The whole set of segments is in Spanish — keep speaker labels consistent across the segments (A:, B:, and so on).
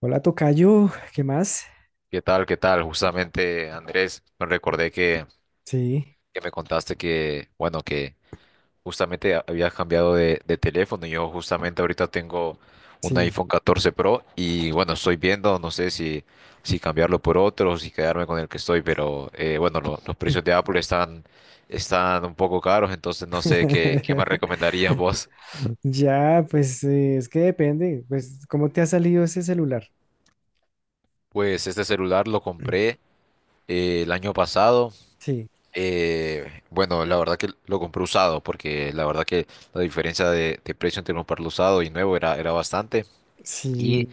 A: Hola, tocayo, ¿qué más?
B: ¿Qué tal? Justamente, Andrés, me recordé que,
A: Sí,
B: que me contaste que, bueno, que justamente habías cambiado de teléfono. Yo justamente ahorita tengo un
A: sí.
B: iPhone 14 Pro y, bueno, estoy viendo, no sé si cambiarlo por otro o si quedarme con el que estoy, pero, bueno, los precios de Apple están, están un poco caros, entonces no sé qué me recomendarías vos.
A: Ya, pues es que depende, pues ¿cómo te ha salido ese celular?
B: Pues este celular lo compré el año pasado.
A: Sí,
B: Bueno, la verdad que lo compré usado porque la verdad que la diferencia de precio entre comprarlo usado y nuevo era, era bastante. Y,
A: sí,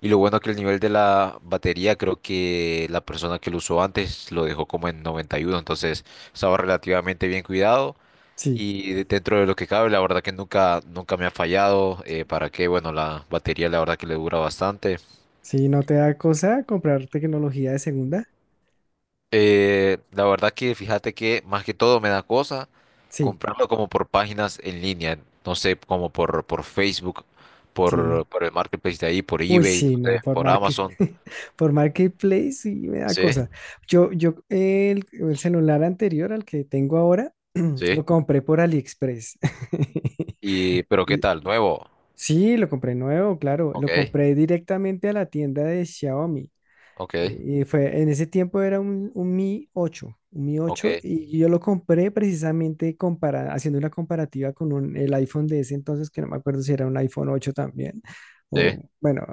B: y lo bueno que el nivel de la batería, creo que la persona que lo usó antes lo dejó como en 91, entonces estaba relativamente bien cuidado.
A: sí,
B: Y dentro de lo que cabe, la verdad que nunca, nunca me ha fallado. Para qué, bueno, la batería la verdad que le dura bastante.
A: sí, ¿no te da cosa comprar tecnología de segunda?
B: La verdad que fíjate que más que todo me da cosa
A: Sí,
B: comprarlo como por páginas en línea, no sé, como por Facebook,
A: sí.
B: por el marketplace de ahí, por
A: Uy,
B: eBay, no
A: sí, no,
B: sé,
A: por
B: por
A: market,
B: Amazon.
A: por Marketplace sí me da
B: Sí,
A: cosa. Yo, el celular anterior al que tengo ahora, lo
B: sí.
A: compré por AliExpress.
B: Y, pero ¿qué tal? Nuevo.
A: Sí, lo compré nuevo, claro. Lo
B: Ok,
A: compré directamente a la tienda de Xiaomi.
B: ok,
A: Y fue, en ese tiempo era un Mi ocho, un Mi ocho
B: ok.
A: y yo lo compré precisamente haciendo una comparativa con un, el iPhone de ese entonces, que no me acuerdo si era un iPhone 8 también, o
B: Sí,
A: bueno,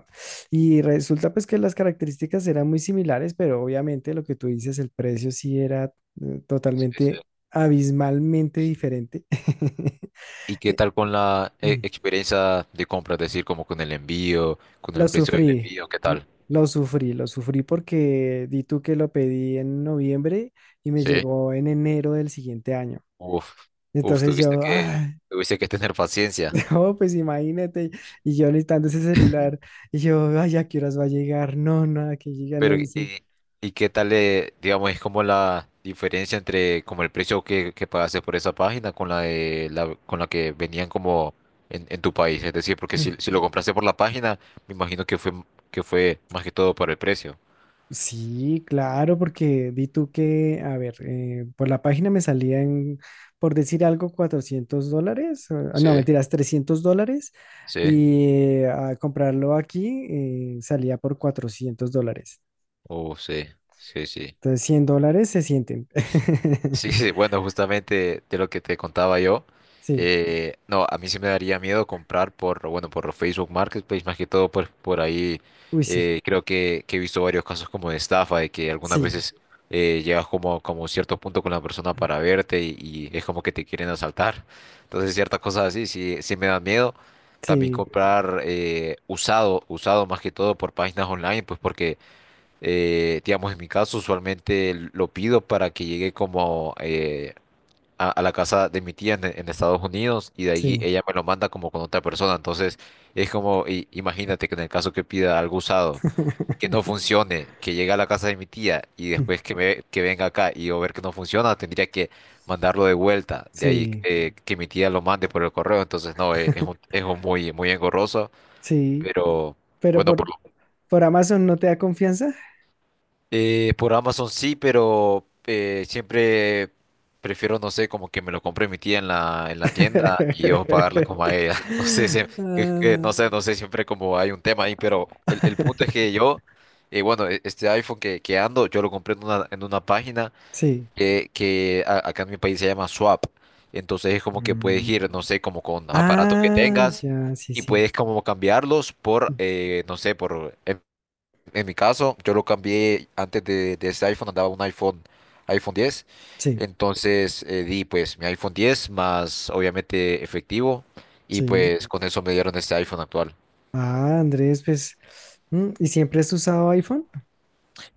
A: y resulta pues que las características eran muy similares, pero obviamente lo que tú dices, el precio sí era
B: sí, sí.
A: totalmente, abismalmente diferente.
B: ¿Y qué tal con la experiencia de compra? Es decir, como con el envío, con el
A: Lo
B: precio del
A: sufrí,
B: envío, ¿qué
A: l-
B: tal?
A: lo sufrí, lo sufrí porque di tú que lo pedí en noviembre y me
B: Sí.
A: llegó en enero del siguiente año.
B: Uf, uf,
A: Entonces yo, ay,
B: tuviste que tener paciencia.
A: no, pues imagínate, y yo necesitando ese celular, y yo, ay, ¿a qué horas va a llegar? No, nada, que llega, no
B: Pero,
A: dicen.
B: y qué tal, digamos, es como la diferencia entre como el precio que pagaste por esa página con la con la que venían como en tu país? Es decir, porque si lo compraste por la página, me imagino que fue más que todo por el precio.
A: Sí, claro, porque vi tú que, a ver, por la página me salían, por decir algo, $400, ah,
B: Sí,
A: no, mentiras, $300,
B: sí,
A: y a comprarlo aquí salía por $400.
B: oh, sí, sí, sí.
A: Entonces, $100 se sienten.
B: Sí, sí, bueno, justamente de lo que te contaba yo,
A: Sí,
B: no, a mí sí me daría miedo comprar por, bueno, por Facebook Marketplace, más que todo por ahí,
A: uy, sí,
B: creo que he visto varios casos como de estafa, de que algunas
A: sí,
B: veces llegas como, como a cierto punto con la persona para verte y es como que te quieren asaltar, entonces ciertas cosas así sí, sí me da miedo, también
A: sí,
B: comprar usado, usado más que todo por páginas online, pues porque digamos, en mi caso, usualmente lo pido para que llegue como a la casa de mi tía en Estados Unidos y de ahí
A: sí,
B: ella me lo manda como con otra persona. Entonces, es como, imagínate que en el caso que pida algo usado, que no funcione, que llegue a la casa de mi tía y después que venga acá y yo ver que no funciona, tendría que mandarlo de vuelta. De ahí
A: sí,
B: que mi tía lo mande por el correo. Entonces, no, es un muy, muy engorroso,
A: sí,
B: pero
A: pero
B: bueno,
A: por Amazon no te da confianza.
B: Por Amazon sí, pero siempre prefiero, no sé, como que me lo compre mi tía en en la tienda y yo pagarle como a ella. No sé, si, es que
A: Ah,
B: no sé, no sé, siempre como hay un tema ahí, pero el punto es que yo, bueno, este iPhone que ando, yo lo compré en una página
A: sí.
B: que acá en mi país se llama Swap. Entonces es como que puedes
A: Mm.
B: ir, no sé, como con aparatos que
A: Ah,
B: tengas
A: ya, sí,
B: y
A: sí.
B: puedes como cambiarlos por,
A: Mm,
B: no sé, por... En mi caso, yo lo cambié antes de este iPhone, andaba un iPhone 10.
A: sí,
B: Entonces di pues mi iPhone 10 más obviamente efectivo y
A: sí.
B: pues con eso me dieron este iPhone actual.
A: Ah, Andrés, pues, mm, ¿y siempre has usado iPhone?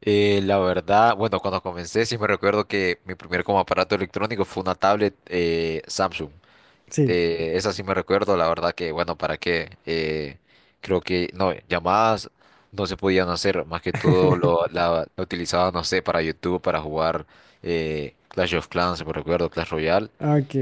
B: La verdad, bueno, cuando comencé sí me recuerdo que mi primer como aparato electrónico fue una tablet Samsung.
A: Sí.
B: Esa sí me recuerdo, la verdad que, bueno, ¿para qué? Creo que, no, llamadas no se podían hacer, más que todo la utilizaba, no sé, para YouTube, para jugar Clash of Clans, si me recuerdo, Clash Royale.
A: Ok.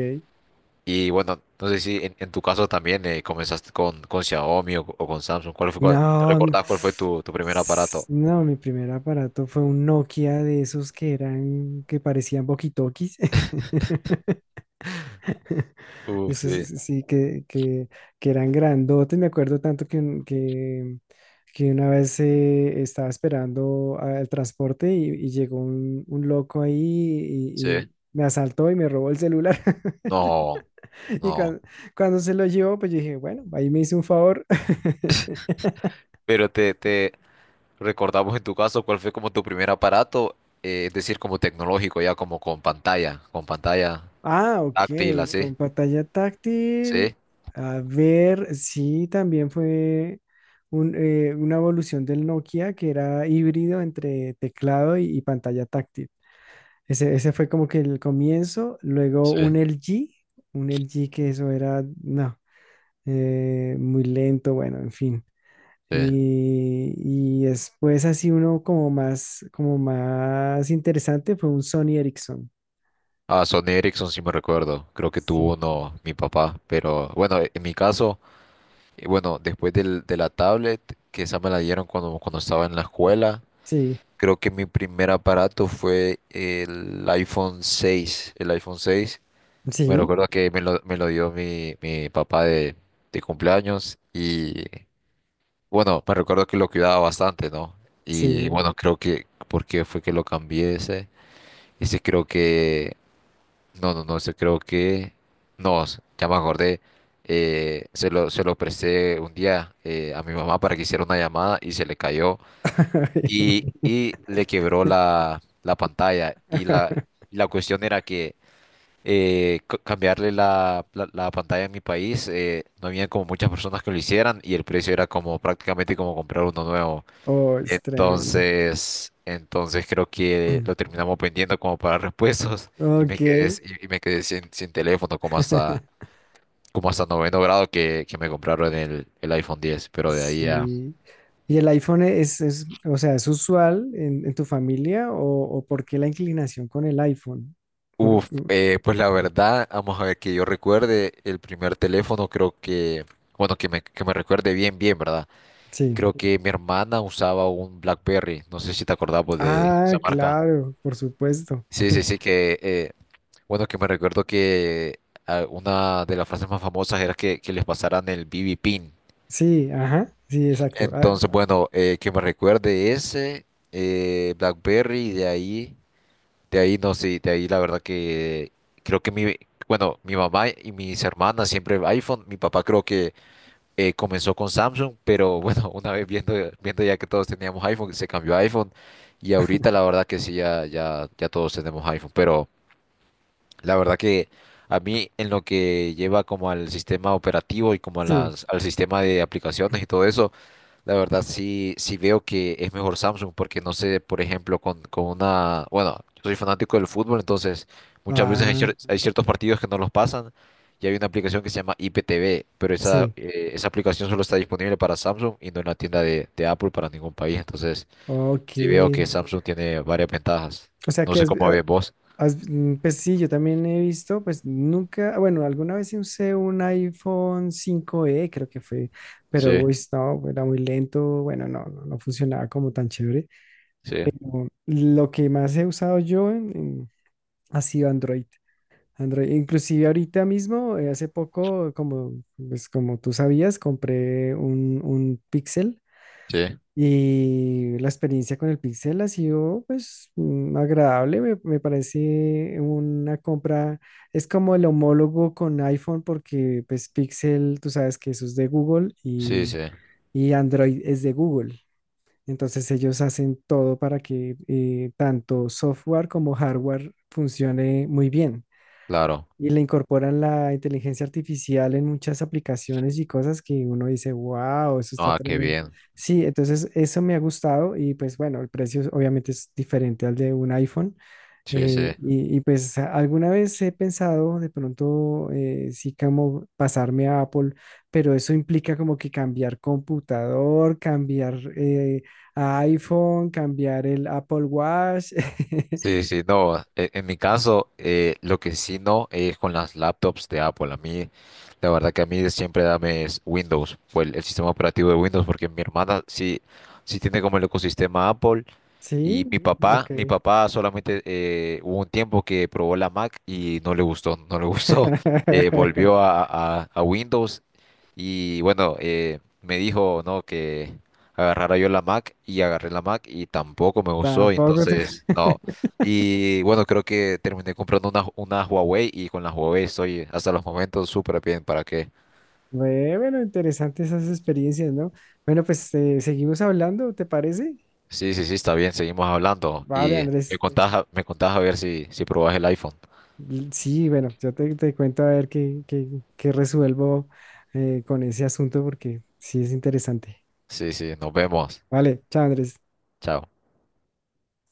B: Y bueno, no sé si en, en tu caso también comenzaste con Xiaomi o con Samsung. ¿Cuál fue, te
A: No, mm,
B: recordás cuál fue tu, tu primer aparato?
A: no, mi primer aparato fue un Nokia de esos que eran, que parecían walkie-talkies. Esos
B: Sí.
A: sí sí, que eran grandotes. Me acuerdo tanto que, que una vez estaba esperando al transporte y llegó un loco ahí
B: Sí.
A: y me asaltó y me robó el celular.
B: No,
A: Y
B: no.
A: cuando, se lo llevó, pues yo dije, bueno, ahí me hizo un favor.
B: Pero recordamos en tu caso cuál fue como tu primer aparato, es decir, como tecnológico, ya como con pantalla
A: Ah, ok,
B: táctil, así.
A: con pantalla táctil.
B: Sí,
A: A ver, sí, también fue un, una evolución del Nokia que era híbrido entre teclado y pantalla táctil. Ese fue como que el comienzo, luego un
B: sí,
A: LG, un LG que eso era, no, muy lento, bueno, en fin.
B: sí.
A: Y, y después así uno como más interesante fue un Sony Ericsson.
B: Ah, Sony Ericsson sí me recuerdo, creo que
A: Sí,
B: tuvo uno mi papá, pero bueno, en mi caso, bueno, después de la tablet, que esa me la dieron cuando, cuando estaba en la escuela,
A: sí,
B: creo que mi primer aparato fue el iPhone 6, el iPhone 6. Me
A: sí,
B: recuerdo que me me lo dio mi papá de cumpleaños y... Bueno, me recuerdo que lo cuidaba bastante, ¿no? Y
A: sí.
B: bueno, creo que, ¿por qué fue que lo cambié ese? Ese creo que, no, no, no, ese creo que, no, ya me acordé, se lo presté un día a mi mamá para que hiciera una llamada y se le cayó y le quebró la pantalla y y la cuestión era que cambiarle la pantalla en mi país, no había como muchas personas que lo hicieran y el precio era como prácticamente como comprar uno nuevo.
A: Oh, es tremendo.
B: Entonces, entonces creo que lo terminamos vendiendo como para repuestos. Y me
A: Ok.
B: quedé, y me quedé sin, sin teléfono como hasta noveno grado que me compraron el iPhone 10, pero de ahí a...
A: Sí. ¿Y el iPhone o sea, es usual en tu familia o por qué la inclinación con el iPhone? Por-
B: Uf, pues la verdad, vamos a ver que yo recuerde el primer teléfono, creo que, bueno, que me recuerde bien, bien, ¿verdad?
A: sí.
B: Creo que mi hermana usaba un BlackBerry, no sé si te acordabas de
A: Ah,
B: esa marca.
A: claro, por supuesto.
B: Sí, sí, sí, que bueno, que me recuerdo que ah, una de las frases más famosas era que les pasaran el BB Pin.
A: Sí, ajá, sí, exacto. Ah,
B: Entonces, bueno, que me recuerde ese, BlackBerry, de ahí no sé, de ahí la verdad que creo que mi, bueno, mi mamá y mis hermanas siempre iPhone, mi papá creo que comenzó con Samsung, pero bueno, una vez viendo, viendo ya que todos teníamos iPhone, se cambió a iPhone y ahorita la verdad que sí, ya, ya, ya todos tenemos iPhone, pero... La verdad que a mí en lo que lleva como al sistema operativo y como a
A: sí.
B: al sistema de aplicaciones y todo eso, la verdad sí, sí veo que es mejor Samsung porque no sé, por ejemplo, con una, bueno, yo soy fanático del fútbol, entonces muchas veces hay,
A: Ah,
B: hay ciertos partidos que no los pasan y hay una aplicación que se llama IPTV, pero esa,
A: sí.
B: esa aplicación solo está disponible para Samsung y no en la tienda de Apple para ningún país, entonces
A: Ok.
B: sí veo que Samsung tiene varias ventajas.
A: O sea
B: No
A: que
B: sé
A: es,
B: cómo
A: ah,
B: ves vos.
A: Mm, pues sí, yo también he visto, pues nunca, bueno, alguna vez sí usé un iPhone cinco e creo que fue, pero
B: Sí,
A: uy, no, era muy lento, bueno, no, no, no funcionaba como tan chévere.
B: sí,
A: Lo que más he usado yo ha sido Android. Android, inclusive ahorita mismo, hace poco, como, pues como tú sabías, compré un Pixel
B: sí.
A: y la experiencia con el Pixel ha sido pues mm, agradable, me parece una compra, es como el homólogo con iPhone porque pues Pixel, tú sabes que eso es de Google
B: Sí, sí,
A: y Android es de Google. Entonces ellos hacen todo para que tanto software como hardware funcione muy bien.
B: claro.
A: Y le incorporan la inteligencia artificial en muchas aplicaciones y cosas que uno dice, wow, eso está
B: Ah, qué
A: tremendo.
B: bien.
A: Sí, entonces eso me ha gustado y pues bueno, el precio obviamente es diferente al de un iPhone.
B: Sí, sí.
A: Y, pues alguna vez he pensado de pronto sí como pasarme a Apple, pero eso implica como que cambiar computador, cambiar a iPhone, cambiar el Apple Watch.
B: Sí, sí, no. En mi caso, lo que sí no es con las laptops de Apple. A mí, la verdad que a mí siempre dame es Windows, o el sistema operativo de Windows, porque mi hermana sí, sí tiene como el ecosistema Apple.
A: Sí,
B: Y mi
A: ok.
B: papá solamente hubo un tiempo que probó la Mac y no le gustó, no le gustó. Volvió a, a Windows y bueno, me dijo no que agarrara yo la Mac y agarré la Mac y tampoco me gustó, y
A: Tampoco te...
B: entonces no. Y bueno, creo que terminé comprando una Huawei y con la Huawei estoy hasta los momentos súper bien. ¿Para qué?
A: Ve, bueno, interesantes esas experiencias, ¿no? Bueno, pues seguimos hablando, ¿te parece?
B: Sí, sí, sí, está bien, seguimos hablando
A: Vale,
B: y me
A: Andrés.
B: contás, me contás a ver si, si probás el iPhone.
A: Sí, bueno, yo te, te cuento a ver qué, qué, qué resuelvo con ese asunto porque sí es interesante.
B: Sí, sí, nos vemos.
A: Vale, chao, Andrés.
B: Chao.